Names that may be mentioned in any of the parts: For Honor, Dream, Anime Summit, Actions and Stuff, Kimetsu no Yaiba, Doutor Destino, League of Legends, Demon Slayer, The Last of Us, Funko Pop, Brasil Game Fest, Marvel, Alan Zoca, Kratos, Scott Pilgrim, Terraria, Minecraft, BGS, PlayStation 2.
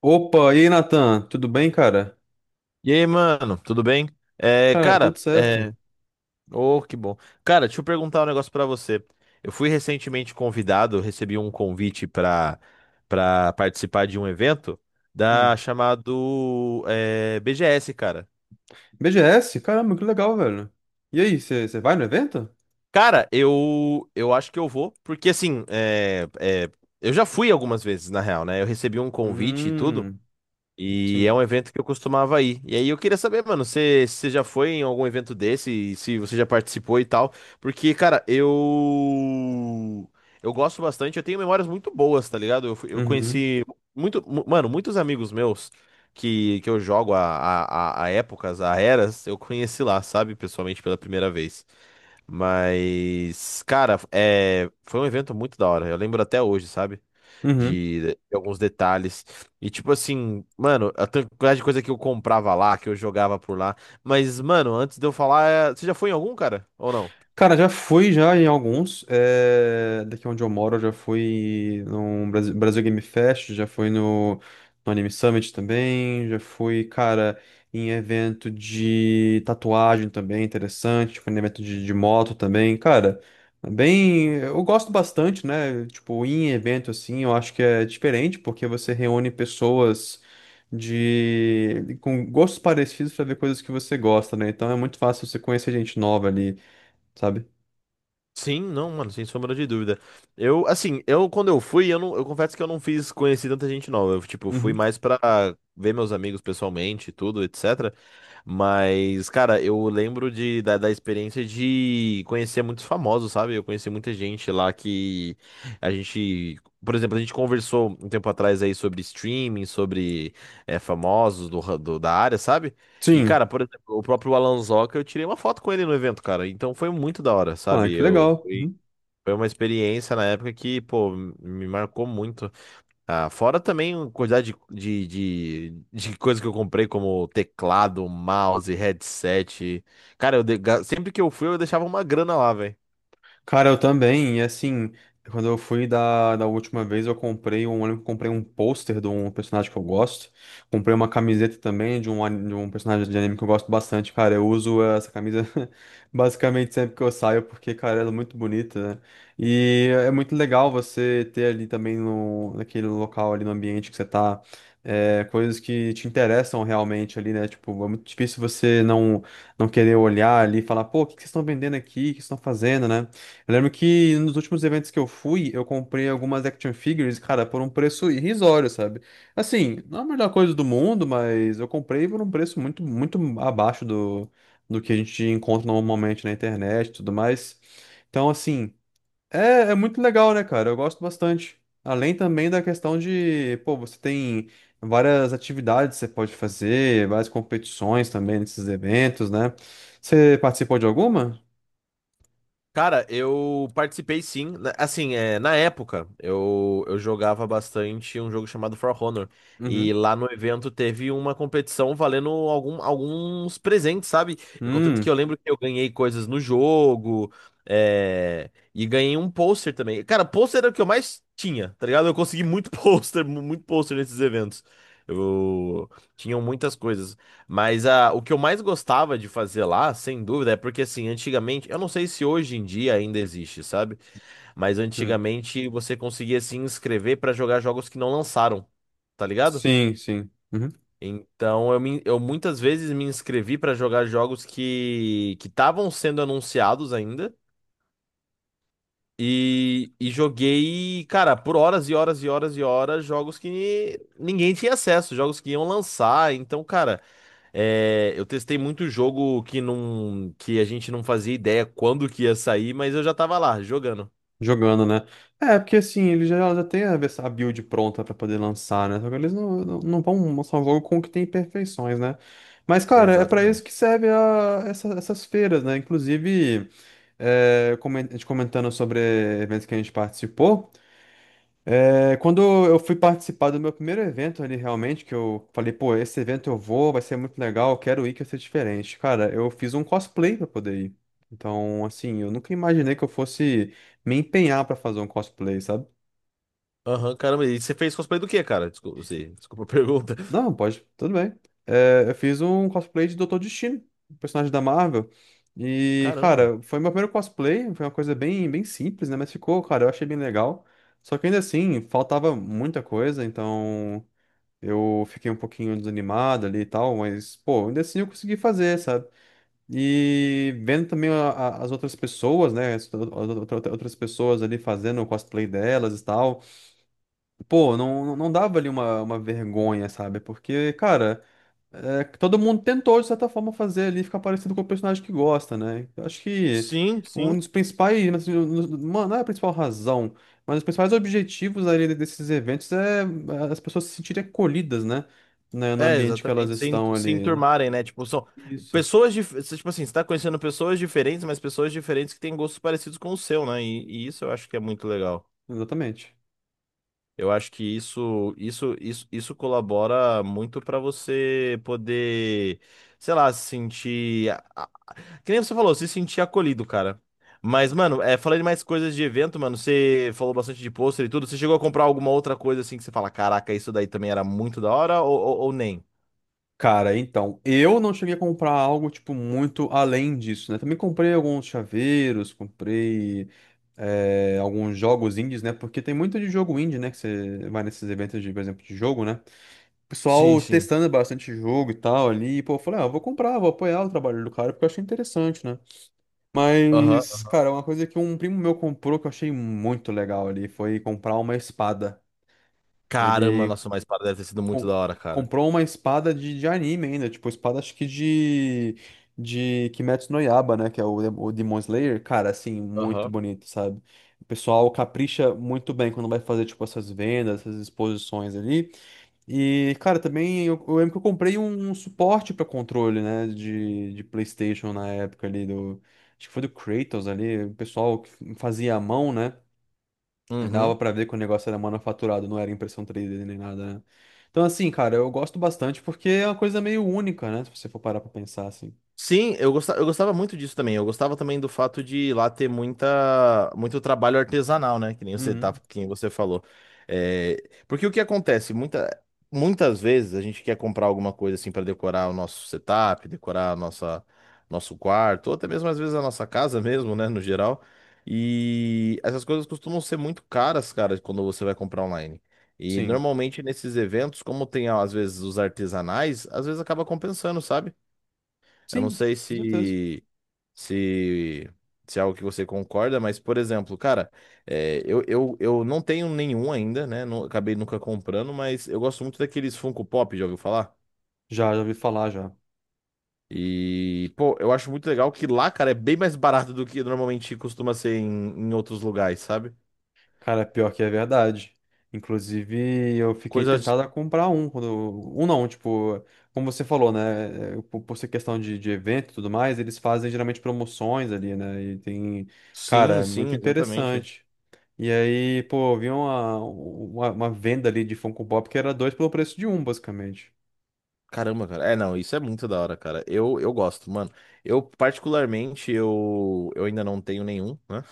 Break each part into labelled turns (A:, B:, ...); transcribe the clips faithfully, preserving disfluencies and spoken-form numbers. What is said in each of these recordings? A: Opa, e aí, Natan? Tudo bem, cara?
B: E aí, mano, tudo bem? É,
A: Cara, tudo
B: cara,
A: certo.
B: é... Oh, que bom. Cara, deixa eu perguntar um negócio pra você. Eu fui recentemente convidado, eu recebi um convite pra para participar de um evento da
A: Hum.
B: chamado é, B G S, cara.
A: B G S? Caramba, que legal, velho. E aí, você vai no evento?
B: Cara, eu eu acho que eu vou, porque assim, é, é, eu já fui algumas vezes, na real, né? Eu recebi um convite e tudo.
A: Hum,
B: E é um
A: sim.
B: evento que eu costumava ir. E aí eu queria saber, mano, se se você já foi em algum evento desse, e se você já participou e tal. Porque, cara, eu. Eu gosto bastante, eu tenho memórias muito boas, tá ligado? Eu, fui- eu
A: Uhum,
B: conheci muito, mu- mano, muitos amigos meus que, que eu jogo a, a, a épocas, a eras, eu conheci lá, sabe? Pessoalmente pela primeira vez. Mas, cara, é, foi um evento muito da hora. Eu lembro até hoje, sabe?
A: uhum.
B: De, de alguns detalhes. E tipo assim, mano, a tan- quantidade de coisa que eu comprava lá, que eu jogava por lá. Mas, mano, antes de eu falar, é, você já foi em algum, cara? Ou não?
A: Cara, já fui já em alguns. eh, Daqui onde eu moro, eu já fui no Brasil, Brasil Game Fest, já fui no, no Anime Summit também, já fui, cara, em evento de tatuagem também, interessante, fui em evento de, de moto também, cara. Bem, eu gosto bastante, né? Tipo, ir em evento assim, eu acho que é diferente, porque você reúne pessoas de com gostos parecidos pra ver coisas que você gosta, né? Então é muito fácil você conhecer gente nova ali, sabe?
B: Sim, não, mano, sem sombra de dúvida. Eu, assim, eu Quando eu fui, eu não, eu confesso que eu não fiz conhecer tanta gente nova. Eu, tipo, fui
A: Uhum.
B: mais pra ver meus amigos pessoalmente, e tudo, etcétera. Mas, cara, eu lembro de, da, da experiência de conhecer muitos famosos, sabe? Eu conheci muita gente lá que a gente, por exemplo, a gente conversou um tempo atrás aí sobre streaming, sobre eh, famosos do, ra- do- da área, sabe? E,
A: Sim.
B: cara, por exemplo, o próprio Alan Zoca, eu tirei uma foto com ele no evento, cara. Então foi muito da hora,
A: Ah,
B: sabe?
A: que
B: Eu,
A: legal.
B: foi Foi uma experiência na época que, pô, me marcou muito. Ah, fora também a quantidade de, de, de, de coisa que eu comprei, como teclado, mouse, headset. Cara, eu de- ga- sempre que eu fui, eu deixava uma grana lá, velho.
A: Cara, eu também. E assim, quando eu fui da, da última vez, eu comprei um, eu lembro que comprei um pôster de um personagem que eu gosto. Comprei uma camiseta também de um, ani- de um personagem de anime que eu gosto bastante, cara. Eu uso essa camisa basicamente sempre que eu saio, porque, cara, ela é muito bonita, né? E é muito legal você ter ali também no, naquele local ali no ambiente que você tá. É, coisas que te interessam realmente ali, né? Tipo, é muito difícil você não, não querer olhar ali e falar, pô, o que que vocês estão vendendo aqui? O que vocês estão fazendo, né? Eu lembro que nos últimos eventos que eu fui, eu comprei algumas action figures, cara, por um preço irrisório, sabe? Assim, não é a melhor coisa do mundo, mas eu comprei por um preço muito, muito abaixo do, do que a gente encontra normalmente na internet e tudo mais. Então, assim, é, é muito legal, né, cara? Eu gosto bastante. Além também da questão de, pô, você tem várias atividades que você pode fazer, várias competições também nesses eventos, né? Você participou de alguma?
B: Cara, eu participei sim. Na- Assim, é, na época, eu, eu jogava bastante um jogo chamado For Honor. E
A: Uhum.
B: lá no evento teve uma competição valendo algum- alguns presentes, sabe? E contanto que eu lembro que eu ganhei coisas no jogo, é, e ganhei um pôster também. Cara, pôster era o que eu mais tinha, tá ligado? Eu consegui muito pôster, mu- muito pôster nesses eventos. Eu tinham muitas coisas. Mas ah, o que eu mais gostava de fazer lá, sem dúvida, é porque assim, antigamente, eu não sei se hoje em dia ainda existe, sabe? Mas
A: Hum.
B: antigamente você conseguia se inscrever pra jogar jogos que não lançaram, tá ligado?
A: Sim, sim. Uhum.
B: Então eu, me- eu muitas vezes me inscrevi pra jogar jogos que que estavam sendo anunciados ainda e, e joguei, cara, por horas e horas e horas e horas jogos que ninguém tinha acesso, jogos que iam lançar. Então, cara, É, eu testei muito jogo que não, que a gente não fazia ideia quando que ia sair, mas eu já tava lá jogando.
A: Jogando, né? É, porque assim, eles já, já têm a vers- a build pronta pra poder lançar, né? Só que eles não, não, não vão lançar um jogo com o que tem imperfeições, né? Mas, cara, é pra isso
B: Exatamente.
A: que serve a- essa- essas feiras, né? Inclusive, é, comen- a gente comentando sobre eventos que a gente participou. É, quando eu fui participar do meu primeiro evento ali, realmente, que eu falei, pô, esse evento eu vou, vai ser muito legal, eu quero ir, quero ser diferente. Cara, eu fiz um cosplay pra poder ir. Então, assim, eu nunca imaginei que eu fosse me empenhar pra fazer um cosplay, sabe?
B: Aham, caramba. E você fez cosplay do quê, cara? Desculpa, você, desculpa a pergunta.
A: Não, pode, tudo bem. É, eu fiz um cosplay de Doutor Destino, um personagem da Marvel. E,
B: Caramba.
A: cara, foi meu primeiro cosplay, foi uma coisa bem, bem simples, né? Mas ficou, cara, eu achei bem legal. Só que ainda assim, faltava muita coisa, então. Eu fiquei um pouquinho desanimado ali e tal, mas, pô, ainda assim eu consegui fazer, sabe? E vendo também a- a- as outras pessoas, né? As ou- outra- outras pessoas ali fazendo o cosplay delas e tal. Pô, não, não não dava ali uma, uma vergonha, sabe? Porque, cara. É, que todo mundo tentou, de certa forma, fazer ali ficar parecido com o personagem que gosta, né? Eu acho que
B: Sim, sim.
A: um dos principais, né, assim, um dos- uma- não é a principal razão, mas os principais objetivos ali desses eventos é é, as pessoas se sentirem acolhidas, né? Né, no
B: É,
A: ambiente que elas
B: exatamente. Se,
A: estão
B: en- se
A: ali.
B: enturmarem, né? Tipo, são
A: Isso,
B: pessoas diferentes. Tipo assim, você tá conhecendo pessoas diferentes, mas pessoas diferentes que têm gostos parecidos com o seu, né? E, e isso eu acho que é muito legal.
A: exatamente.
B: Eu acho que isso, isso, isso, isso colabora muito para você poder, sei lá, se sentir. A- a- que nem você falou, se sentir acolhido, cara. Mas, mano, é, falando de mais coisas de evento, mano, você falou bastante de pôster e tudo. Você chegou a comprar alguma outra coisa assim que você fala, caraca, isso daí também era muito da hora ou, ou, ou nem?
A: Cara, então, eu não cheguei a comprar algo, tipo, muito além disso, né? Também comprei alguns chaveiros, comprei. É, alguns jogos indies, né? Porque tem muito de jogo indie, né? Que você vai nesses eventos de, por exemplo, de jogo, né? O
B: Sim,
A: pessoal
B: sim.
A: testando bastante jogo e tal ali. E, pô, eu falei, ah, eu vou comprar, vou apoiar o trabalho do cara, porque eu achei interessante, né?
B: Aham.
A: Mas, cara, uma coisa que um primo meu comprou que eu achei muito legal ali foi comprar uma espada.
B: Caramba,
A: Ele
B: nossa, mas para deve ter sido muito
A: com-
B: da hora, cara.
A: comprou uma espada de, de anime ainda, tipo, espada acho que de, de Kimetsu no Yaiba, né, que é o, de- o Demon Slayer, cara, assim, muito
B: Aham.
A: bonito, sabe? O pessoal capricha muito bem quando vai fazer, tipo, essas vendas, essas exposições ali. E, cara, também eu, eu lembro que eu comprei um, um suporte para controle, né, de, de PlayStation na época ali do... Acho que foi do Kratos ali, o pessoal que fazia à mão, né? Dava
B: Uhum.
A: pra ver que o negócio era manufaturado, não era impressão três D nem nada, né? Então, assim, cara, eu gosto bastante porque é uma coisa meio única, né? Se você for parar pra pensar assim.
B: Sim, eu gostava, eu gostava muito disso também. Eu gostava também do fato de lá ter muita, muito trabalho artesanal, né? Que nem você,
A: Uhum.
B: tá, que nem você falou. É, porque o que acontece? Muita, muitas vezes a gente quer comprar alguma coisa assim para decorar o nosso setup, decorar a nossa, nosso quarto, ou até mesmo às vezes a nossa casa mesmo, né? No geral. E essas coisas costumam ser muito caras, cara, quando você vai comprar online. E
A: Sim.
B: normalmente nesses eventos, como tem às vezes os artesanais, às vezes acaba compensando, sabe? Eu não
A: Sim,
B: sei
A: com certeza.
B: se, se, se é algo que você concorda, mas, por exemplo, cara, é, eu, eu, eu não tenho nenhum ainda, né? Não, acabei nunca comprando, mas eu gosto muito daqueles Funko Pop, já ouviu falar?
A: Já, já ouvi falar já.
B: E, pô, eu acho muito legal que lá, cara, é bem mais barato do que normalmente costuma ser em, em outros lugares, sabe?
A: Cara, pior que é verdade. Inclusive, eu fiquei
B: Coisa.
A: tentado a comprar um. Quando... Um não, tipo, como você falou, né? é, é, Por por ser questão de, de evento e tudo mais, eles fazem geralmente promoções ali, né? E tem. Cara,
B: Sim,
A: é muito
B: sim, exatamente.
A: interessante. E aí, pô, eu vi uma, uma, uma venda ali de Funko Pop que era dois pelo preço de um, basicamente.
B: Caramba, cara. É, não, isso é muito da hora, cara. Eu, eu gosto, mano. Eu, particularmente, eu, eu ainda não tenho nenhum, né?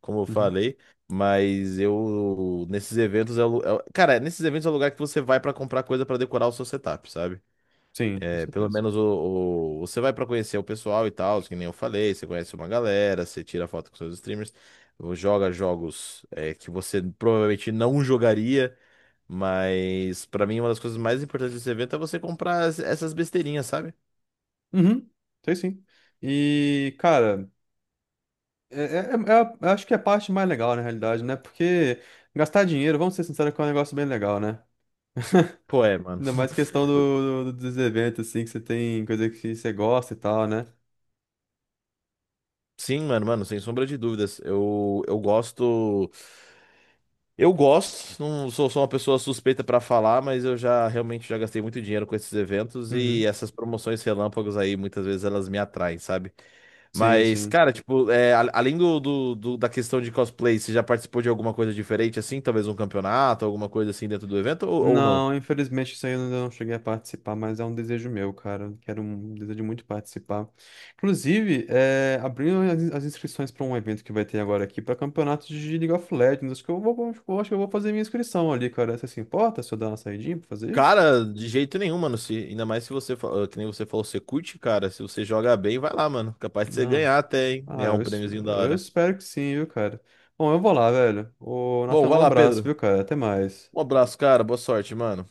B: Como eu
A: Uhum.
B: falei, mas eu nesses eventos é, o lu- é o- cara, nesses eventos é o lugar que você vai pra comprar coisa pra decorar o seu setup, sabe?
A: Sim, com
B: É, pelo
A: certeza.
B: menos o, o- Você vai pra conhecer o pessoal e tal, que nem eu falei, você conhece uma galera, você tira foto com seus streamers, joga jogos é, que você provavelmente não jogaria, mas pra mim uma das coisas mais importantes desse evento é você comprar as- essas besteirinhas, sabe?
A: Uhum, sei sim. E, cara, é, é- é é a- eu acho que é a parte mais legal, na realidade, né? Porque gastar dinheiro, vamos ser sinceros, que é um negócio bem legal, né?
B: Pô, é, mano.
A: Ainda mais questão do, do- dos eventos, assim, que você tem coisa que você gosta e tal, né?
B: Sim, mano, mano, sem sombra de dúvidas. Eu, eu gosto. Eu gosto, não sou, sou uma pessoa suspeita pra falar, mas eu já realmente já gastei muito dinheiro com esses eventos e
A: Uhum,
B: essas promoções relâmpagos aí, muitas vezes elas me atraem, sabe?
A: sim,
B: Mas,
A: sim.
B: cara, tipo, é, a- além do, do- do- da questão de cosplay, você já participou de alguma coisa diferente assim? Talvez um campeonato, alguma coisa assim dentro do evento ou, ou não?
A: Não, infelizmente isso aí eu ainda não cheguei a participar, mas é um desejo meu, cara. Eu quero um desejo muito participar. Inclusive, é, abrindo as, as inscrições para um evento que vai ter agora aqui para campeonato de League of Legends. Acho que eu vou, vou- acho que eu vou fazer minha inscrição ali, cara. Você se importa se eu dar uma saidinha pra fazer isso?
B: Cara, de jeito nenhum, mano. Se, ainda mais se você, fa- ah, que nem você falou, você curte, cara. Se você joga bem, vai lá, mano. Capaz de você
A: Não.
B: ganhar até, hein?
A: Ah,
B: Ganhar
A: eu,
B: um
A: es-
B: prêmiozinho da
A: eu
B: hora.
A: espero que sim, viu, cara. Bom, eu vou lá, velho. Ô,
B: Bom,
A: Nathan,
B: vai
A: um
B: lá,
A: abraço,
B: Pedro.
A: viu, cara? Até mais.
B: Um abraço, cara. Boa sorte, mano.